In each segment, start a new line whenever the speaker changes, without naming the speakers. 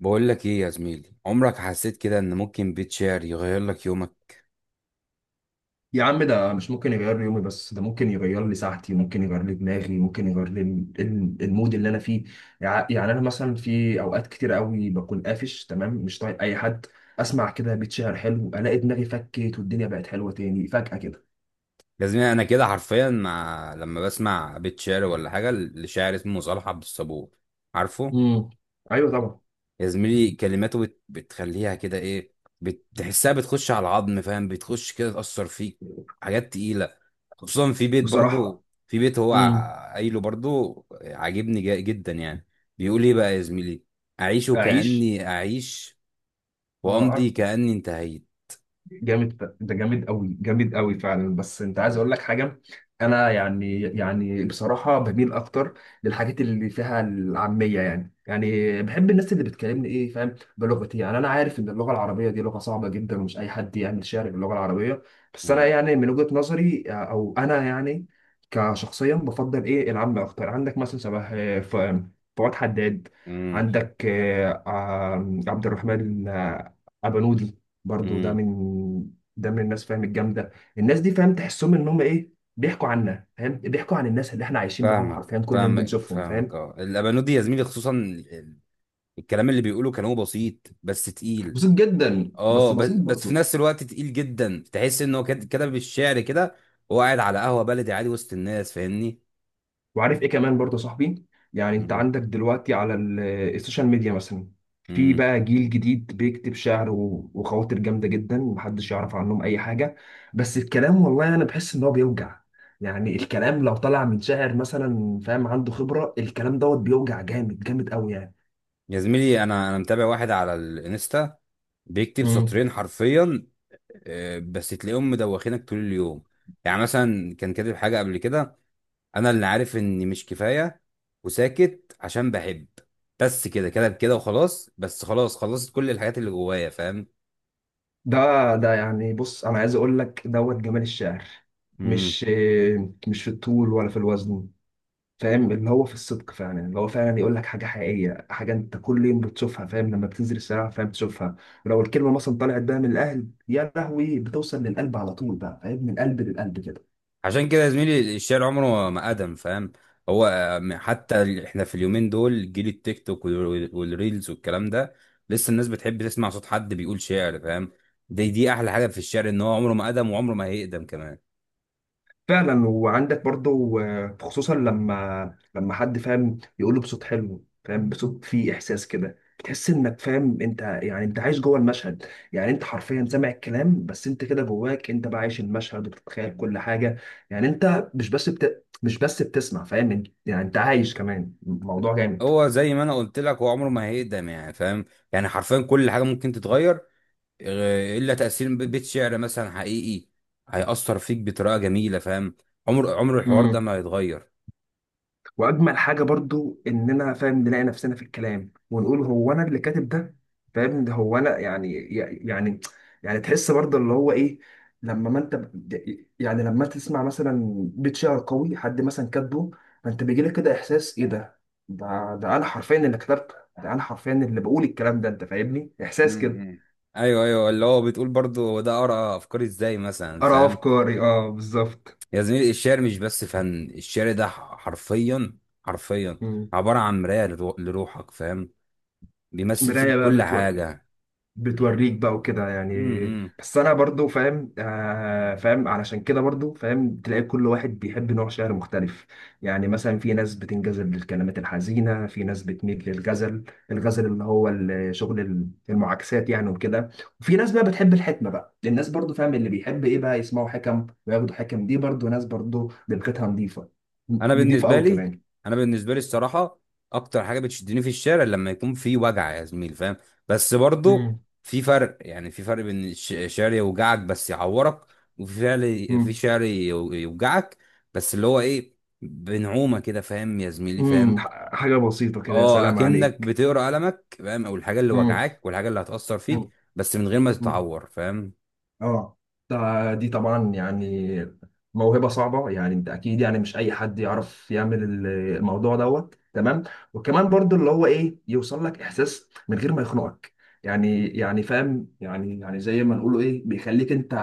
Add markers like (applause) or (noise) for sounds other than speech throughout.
بقول لك ايه يا زميلي، عمرك حسيت كده ان ممكن بيت شعر يغير لك يومك؟
يا عم، ده مش ممكن يغير لي يومي، بس ده ممكن يغير لي ساعتي، ممكن يغير لي دماغي، ممكن يغير لي المود اللي انا فيه. يعني انا مثلا في اوقات كتير قوي بكون قافش تمام، مش طايق اي حد. اسمع كده بيت شعر حلو، الاقي دماغي فكت والدنيا بقت حلوه تاني فجأة كده.
يا زميلي انا كده حرفيا مع لما بسمع بيت شعر ولا حاجه لشاعر اسمه صالح عبد الصبور. عارفه؟
امم. ايوه، طبعا.
يا زميلي كلماته بتخليها كده ايه، بتحسها بتخش على العظم، فاهم؟ بتخش كده تأثر فيك. حاجات تقيله. خصوصا في بيت،
بصراحه.
برضو في بيت هو
امم.
قايله برضو، عاجبني جدا يعني. بيقول ايه بقى يا زميلي؟ اعيش
اعيش.
كأني اعيش، وامضي
اه.
كأني انتهيت.
جامد. ده جامد قوي، جامد قوي فعلا، بس انت عايز اقول لك حاجه. انا يعني بصراحه بميل اكتر للحاجات اللي فيها العاميه. يعني بحب الناس اللي بتكلمني، ايه فاهم، بلغتي. يعني انا عارف ان اللغه العربيه دي لغه صعبه جدا، ومش اي حد يعمل شعر باللغه العربيه. بس انا يعني من وجهه نظري، او انا يعني كشخصيا بفضل ايه العام اكتر. عندك مثلا شبه فؤاد حداد.
امم.
عندك عبد الرحمن ابنود. برضو ده
امم.
من الناس فاهم الجامده. الناس دي، فاهم، تحسهم ان هم، ايه، بيحكوا عنا، فاهم، بيحكوا عن الناس اللي احنا عايشين معاهم
فاهمك،
حرفيا كل يوم
فاهمك
بنشوفهم،
فاهمك.
فاهم.
اه الابانود دي يا زميلي، خصوصا الكلام اللي بيقوله، كلامه بسيط بس تقيل.
بسيط جدا،
اه،
بس
بس
بسيط
بس في
برضو.
نفس الوقت تقيل جدا. تحس انه كتب الشعر كده وهو قاعد على قهوه بلدي عادي وسط الناس، فاهمني؟
وعارف ايه كمان برضو يا صاحبي؟ يعني انت
امم.
عندك دلوقتي على السوشيال ميديا مثلا، في
امم.
بقى جيل جديد بيكتب شعر و- وخواطر جامده جدا، محدش يعرف عنهم اي حاجه. بس الكلام، والله انا بحس ان هو بيوجع. يعني الكلام لو طلع من شاعر مثلا، فاهم، عنده خبره، الكلام دوت بيوجع جامد، جامد قوي يعني.
يا زميلي انا متابع واحد على الانستا بيكتب
مم.
سطرين حرفيا، بس تلاقيهم مدوخينك طول اليوم. يعني مثلا كان كاتب حاجه قبل كده: انا اللي عارف اني مش كفايه وساكت عشان بحب، بس كده كده كده وخلاص، بس خلاص خلصت كل الحاجات اللي جوايا، فاهم؟
ده ده يعني، بص، انا عايز اقول لك دوت جمال الشعر
امم.
مش مش في الطول ولا في الوزن، فاهم، اللي هو في الصدق فعلا، اللي هو فعلا يقول لك حاجه حقيقيه، حاجه انت كل يوم بتشوفها فاهم، لما بتنزل الشارع فاهم بتشوفها. لو الكلمه مثلا طلعت بقى من القلب، يا لهوي، بتوصل للقلب على طول بقى، فاهم، من قلب للقلب كده.
عشان كده يا زميلي الشعر عمره ما ادم، فاهم؟ هو حتى احنا في اليومين دول جيل التيك توك والريلز والكلام ده، لسه الناس بتحب تسمع صوت حد بيقول شعر، فاهم؟ دي دي احلى حاجه في الشعر، ان هو عمره ما ادم وعمره ما هيقدم كمان.
فعلا. وعندك برضو، خصوصا لما حد فاهم يقوله بصوت حلو، فاهم، بصوت فيه احساس كده، بتحس انك فاهم، انت يعني، انت عايش جوه المشهد. يعني انت حرفيا سامع الكلام، بس انت كده جواك انت بقى عايش المشهد وبتتخيل كل حاجه. يعني انت مش بس بتسمع، فاهم، يعني انت عايش كمان الموضوع.
هو زي ما انا قلت لك، هو عمره ما هيقدم يعني، فاهم؟ يعني حرفيا كل حاجه ممكن تتغير، الا تاثير بيت شعر مثلا حقيقي، هيأثر فيك بطريقه جميله، فاهم؟ عمر الحوار ده
جامد.
ما هيتغير.
واجمل حاجه برضو اننا، فاهم، نلاقي نفسنا في الكلام ونقول هو انا اللي كاتب ده؟ فاهم، ده هو انا يعني، يعني يعني تحس برضو اللي هو ايه. لما ما انت يعني لما تسمع مثلا بيت شعر قوي حد مثلا كاتبه، فانت بيجي لك كده احساس: ايه ده؟ ده انا حرفيا اللي كتبته، ده انا حرفيا اللي بقول الكلام ده. انت فاهمني؟ احساس كده.
امم. ايوه ايوه اللي هو بتقول برضو هو ده، اقرا افكاري ازاي مثلا،
ارى
فاهم؟
افكاري، اه، بالظبط.
يا زميلي الشعر مش بس فن، الشعر ده حرفيا، حرفيا
مم.
عباره عن مرايه لروحك، فاهم؟ بيمثل
مرايه
فيك
بقى،
كل حاجه.
بتوريك بقى وكده يعني.
امم.
بس انا برضو فاهم، فاهم، علشان كده برضو فاهم تلاقي كل واحد بيحب نوع شعر مختلف. يعني مثلا في ناس بتنجذب للكلمات الحزينة، في ناس بتميل للغزل. الغزل اللي هو شغل المعاكسات يعني وكده. وفي ناس بقى بتحب الحكمة، بقى الناس برضو، فاهم، اللي بيحب ايه بقى يسمعوا حكم وياخدوا حكم، دي برضو ناس برضو دماغها نظيفة.
انا
نظيفة
بالنسبه
قوي
لي،
كمان.
انا بالنسبه لي الصراحه اكتر حاجه بتشدني في الشارع لما يكون في وجع يا زميل، فاهم؟ بس برضو
امم
في فرق، يعني في فرق بين شعر يوجعك بس يعورك، وفي فعل في
امم
شعر يوجعك بس اللي هو ايه بنعومه كده، فاهم يا زميلي؟ فاهم؟
حاجة بسيطة كده، يا
اه،
سلام
اكنك
عليك.
بتقرا قلمك، فاهم؟ او الحاجه اللي وجعاك والحاجه اللي هتاثر فيك بس من غير ما
امم
تتعور، فاهم؟
اه دي طبعا يعني موهبة صعبة، يعني انت اكيد يعني مش اي حد يعرف يعمل الموضوع دوت تمام. وكمان برضو اللي هو ايه، يوصل لك احساس من غير ما يخنقك. يعني فاهم، يعني زي ما نقوله ايه، بيخليك انت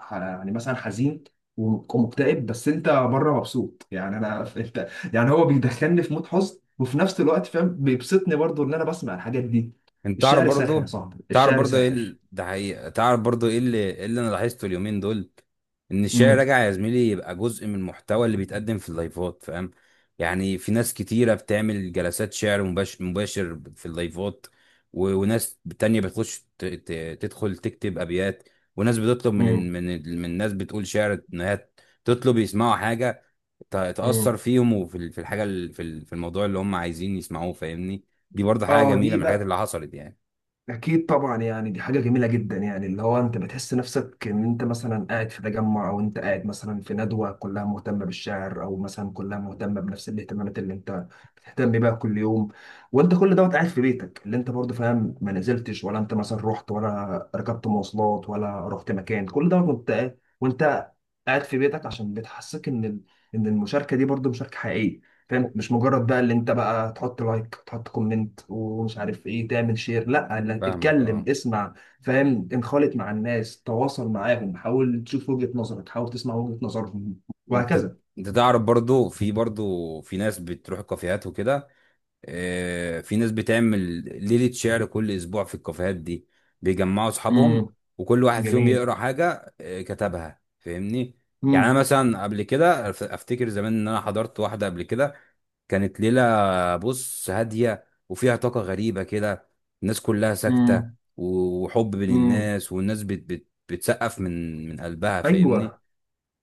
يعني مثلا حزين ومكتئب، بس انت بره مبسوط يعني، انا (laughs) انت يعني هو بيدخلني في مود حزن، وفي نفس الوقت فاهم بيبسطني برضو ان انا بسمع الحاجات دي.
انت تعرف
الشعر ساحر يا
برضو،
صاحبي،
تعرف
الشعر
برضو ايه
ساحر.
ده حقيقة. تعرف برضو ايه اللي، إيه اللي انا لاحظته اليومين دول؟ ان الشعر
امم.
راجع يا زميلي، يبقى جزء من المحتوى اللي بيتقدم في اللايفات، فاهم؟ يعني في ناس كتيرة بتعمل جلسات شعر مباشر في اللايفات، وناس تانية تدخل تكتب ابيات، وناس بتطلب من ناس بتقول شعر ان هي تطلب يسمعوا حاجة تأثر
امم.
فيهم، وفي في في في الموضوع اللي هم عايزين يسمعوه، فاهمني؟ دي برضه حاجة
اه
جميلة
دي
من الحاجات
بقى
اللي حصلت يعني.
اكيد طبعا يعني، دي حاجه جميله جدا، يعني اللي هو انت بتحس نفسك ان انت مثلا قاعد في تجمع، او انت قاعد مثلا في ندوه كلها مهتمه بالشعر، او مثلا كلها مهتمه بنفس الاهتمامات اللي انت بتهتم بيها كل يوم، وانت كل دوت قاعد في بيتك، اللي انت برضه، فاهم، ما نزلتش ولا انت مثلا رحت ولا ركبت مواصلات ولا رحت مكان، كل دوت وانت قاعد في بيتك، عشان بتحسك ان ان المشاركه دي برضه مشاركه حقيقيه. فهمت؟ مش مجرد بقى اللي انت بقى تحط لايك، تحط كومنت، ومش عارف ايه، تعمل شير. لا، لا،
فاهمك
اتكلم،
اه.
اسمع. فاهم، انخالط مع الناس، تواصل معاهم، حاول تشوف وجهة نظرك، حاول تسمع وجهة نظرهم،
انت،
وهكذا.
انت تعرف برضو، في برضو في ناس بتروح الكافيهات وكده. اه في ناس بتعمل ليلة شعر كل اسبوع في الكافيهات دي، بيجمعوا اصحابهم
امم.
وكل واحد فيهم
جميل.
يقرا حاجة اه كتبها، فاهمني؟ يعني انا
امم.
مثلا قبل كده افتكر زمان ان انا حضرت واحدة قبل كده، كانت ليلة، بص هادية وفيها طاقة غريبة كده، الناس كلها ساكتة
امم.
وحب بين
امم.
الناس، والناس بت بت بتسقف من قلبها، فاهمني؟
ايوه،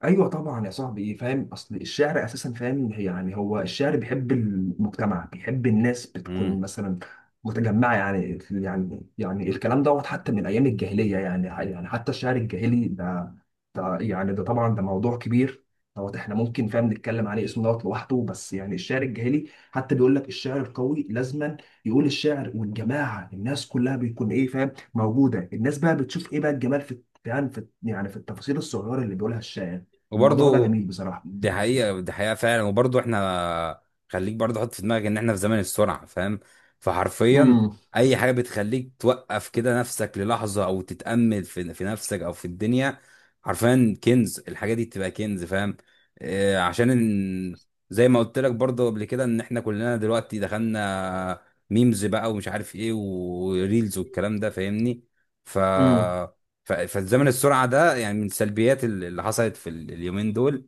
ايوه، طبعا يا صاحبي، ايه فاهم، اصل الشعر اساسا، فاهم، يعني هو الشعر بيحب المجتمع، بيحب الناس بتكون مثلا متجمعه. يعني يعني الكلام دوت حتى من ايام الجاهليه. يعني حتى الشعر الجاهلي ده يعني، ده طبعا، ده موضوع كبير. دوت احنا ممكن، فاهم، نتكلم عليه اسمه دوت لوحده. بس يعني الشعر الجاهلي حتى بيقول لك الشعر القوي لازما يقول الشعر والجماعه الناس كلها بيكون، ايه فاهم، موجوده. الناس بقى بتشوف ايه بقى الجمال في، يعني، في التفاصيل الصغيره اللي بيقولها الشاعر. الموضوع ده
وبرضه
جميل بصراحة.
دي حقيقة، دي حقيقة فعلا. وبرضه احنا، خليك برضه حط في دماغك ان احنا في زمن السرعة، فاهم؟ فحرفيا
امم
اي حاجة بتخليك توقف كده نفسك للحظة او تتأمل في نفسك او في الدنيا، حرفيا كنز، الحاجة دي بتبقى كنز، فاهم؟ اه عشان ان، زي ما قلت لك برضه قبل كده ان احنا كلنا دلوقتي دخلنا ميمز بقى ومش عارف ايه وريلز والكلام ده، فاهمني؟ ف
امم
فالزمن السرعه ده يعني من سلبيات اللي حصلت في اليومين دول،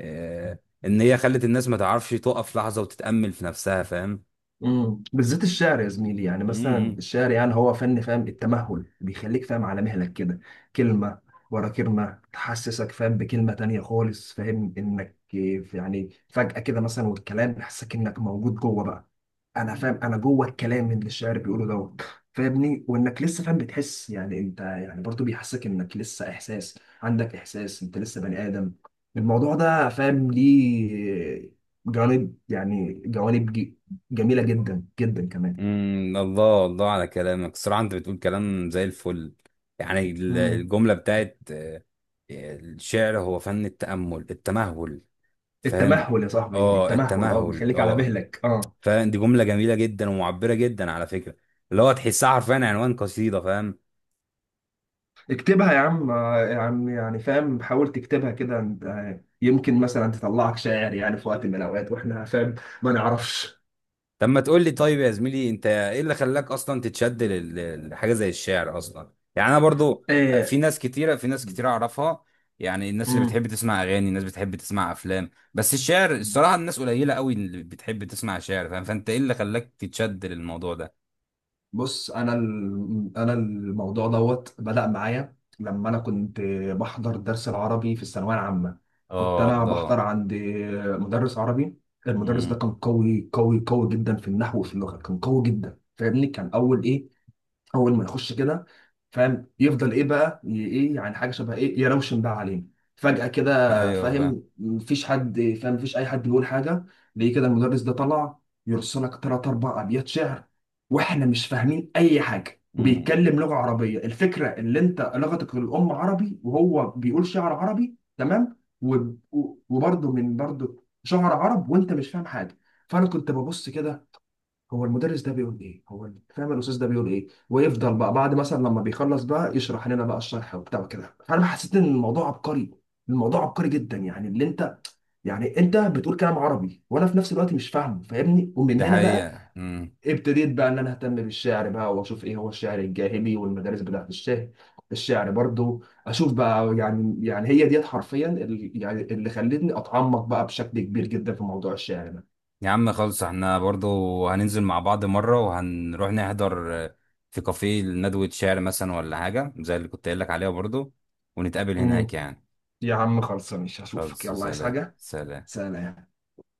آه، ان هي خلت الناس ما تعرفش تقف لحظه وتتامل في نفسها، فاهم؟
بالذات الشعر يا زميلي، يعني مثلا
امم.
الشعر، يعني هو فن، فاهم، التمهل، بيخليك فاهم على مهلك كده. كلمة ورا كلمة تحسسك، فاهم، بكلمة تانية خالص، فاهم انك يعني فجأة كده مثلا والكلام يحسسك انك موجود جوه بقى. انا فاهم انا جوه الكلام اللي الشاعر بيقوله دوت، فاهمني، وانك لسه، فاهم بتحس يعني انت يعني، برضو بيحسسك انك لسه احساس، عندك احساس انت لسه بني ادم. الموضوع ده، فاهم، ليه جوانب جميله جدا جدا كمان.
الله الله على كلامك، الصراحه انت بتقول كلام زي الفل. يعني
مم.
الجمله بتاعت الشعر هو فن التامل، التمهل، فاهم؟
التمهل يا صاحبي،
اه
التمهل، اه،
التمهل
بيخليك على
اه،
مهلك، اه.
فاهم؟ دي جمله جميله جدا ومعبره جدا على فكره، اللي هو تحسها حرفيا عنوان قصيده، فاهم؟
اكتبها يا عم، يا عم، يعني فاهم، حاول تكتبها كده، يمكن مثلا تطلعك شاعر يعني في وقت من الاوقات واحنا فاهم ما نعرفش.
طب ما تقول لي طيب يا زميلي، انت ايه اللي خلاك اصلا تتشد لحاجه زي الشعر اصلا؟ يعني انا برضو
آه.
في ناس كتيره، في ناس كتيره اعرفها يعني، الناس اللي
مم.
بتحب تسمع اغاني، الناس بتحب تسمع افلام، بس الشعر الصراحه الناس قليله قوي اللي بتحب تسمع شعر، فاهم؟ فانت ايه اللي خلاك تتشد للموضوع ده؟
بص، انا الموضوع دوت بدأ معايا لما انا كنت بحضر درس العربي في الثانويه العامه. كنت
اه
انا بحضر
الله.
عند مدرس عربي. المدرس ده
امم.
كان قوي قوي قوي جدا في النحو وفي اللغه، كان قوي جدا، فاهمني، كان اول، ايه، اول ما يخش كده، فاهم، يفضل ايه بقى، ايه يعني، حاجه شبه ايه، يروشن بقى علينا فجاه كده،
ايوه فاهم.
فاهم. مفيش اي حد بيقول حاجه. ليه كده المدرس ده طلع يرسلك ثلاث اربع ابيات شعر، واحنا مش فاهمين اي حاجه،
امم.
وبيتكلم لغه عربيه، الفكره اللي انت لغتك الام عربي وهو بيقول شعر عربي تمام. و- و- وبرضه برضه شعر عرب وانت مش فاهم حاجه. فانا كنت ببص كده: هو المدرس ده بيقول ايه؟ هو فاهم، الاستاذ ده بيقول ايه؟ ويفضل بقى بعد مثلا لما بيخلص بقى يشرح لنا بقى الشرح وبتاع كده، فانا حسيت ان الموضوع عبقري. الموضوع عبقري جدا، يعني اللي انت يعني انت بتقول كلام عربي وانا في نفس الوقت مش فاهمه، فاهمني، ومن
ده
هنا بقى
حقيقه.
ابتديت بقى ان انا اهتم بالشعر بقى، واشوف ايه هو الشعر الجاهلي والمدارس بتاعت الشعر. الشعر برضو اشوف بقى، يعني هي ديت حرفيا، اللي خلتني اتعمق بقى بشكل كبير جدا في موضوع الشعر ده.
يا عم خلص احنا برضو هننزل مع بعض مرة وهنروح نحضر في كافيه ندوة شعر مثلا ولا حاجة زي اللي كنت قايل لك عليها برضو، ونتقابل
امم.
هناك يعني.
يا عم خلصاني، مش هشوفك؟
خلص،
يلا، عايز
سلام
حاجه؟
سلام.
سلام.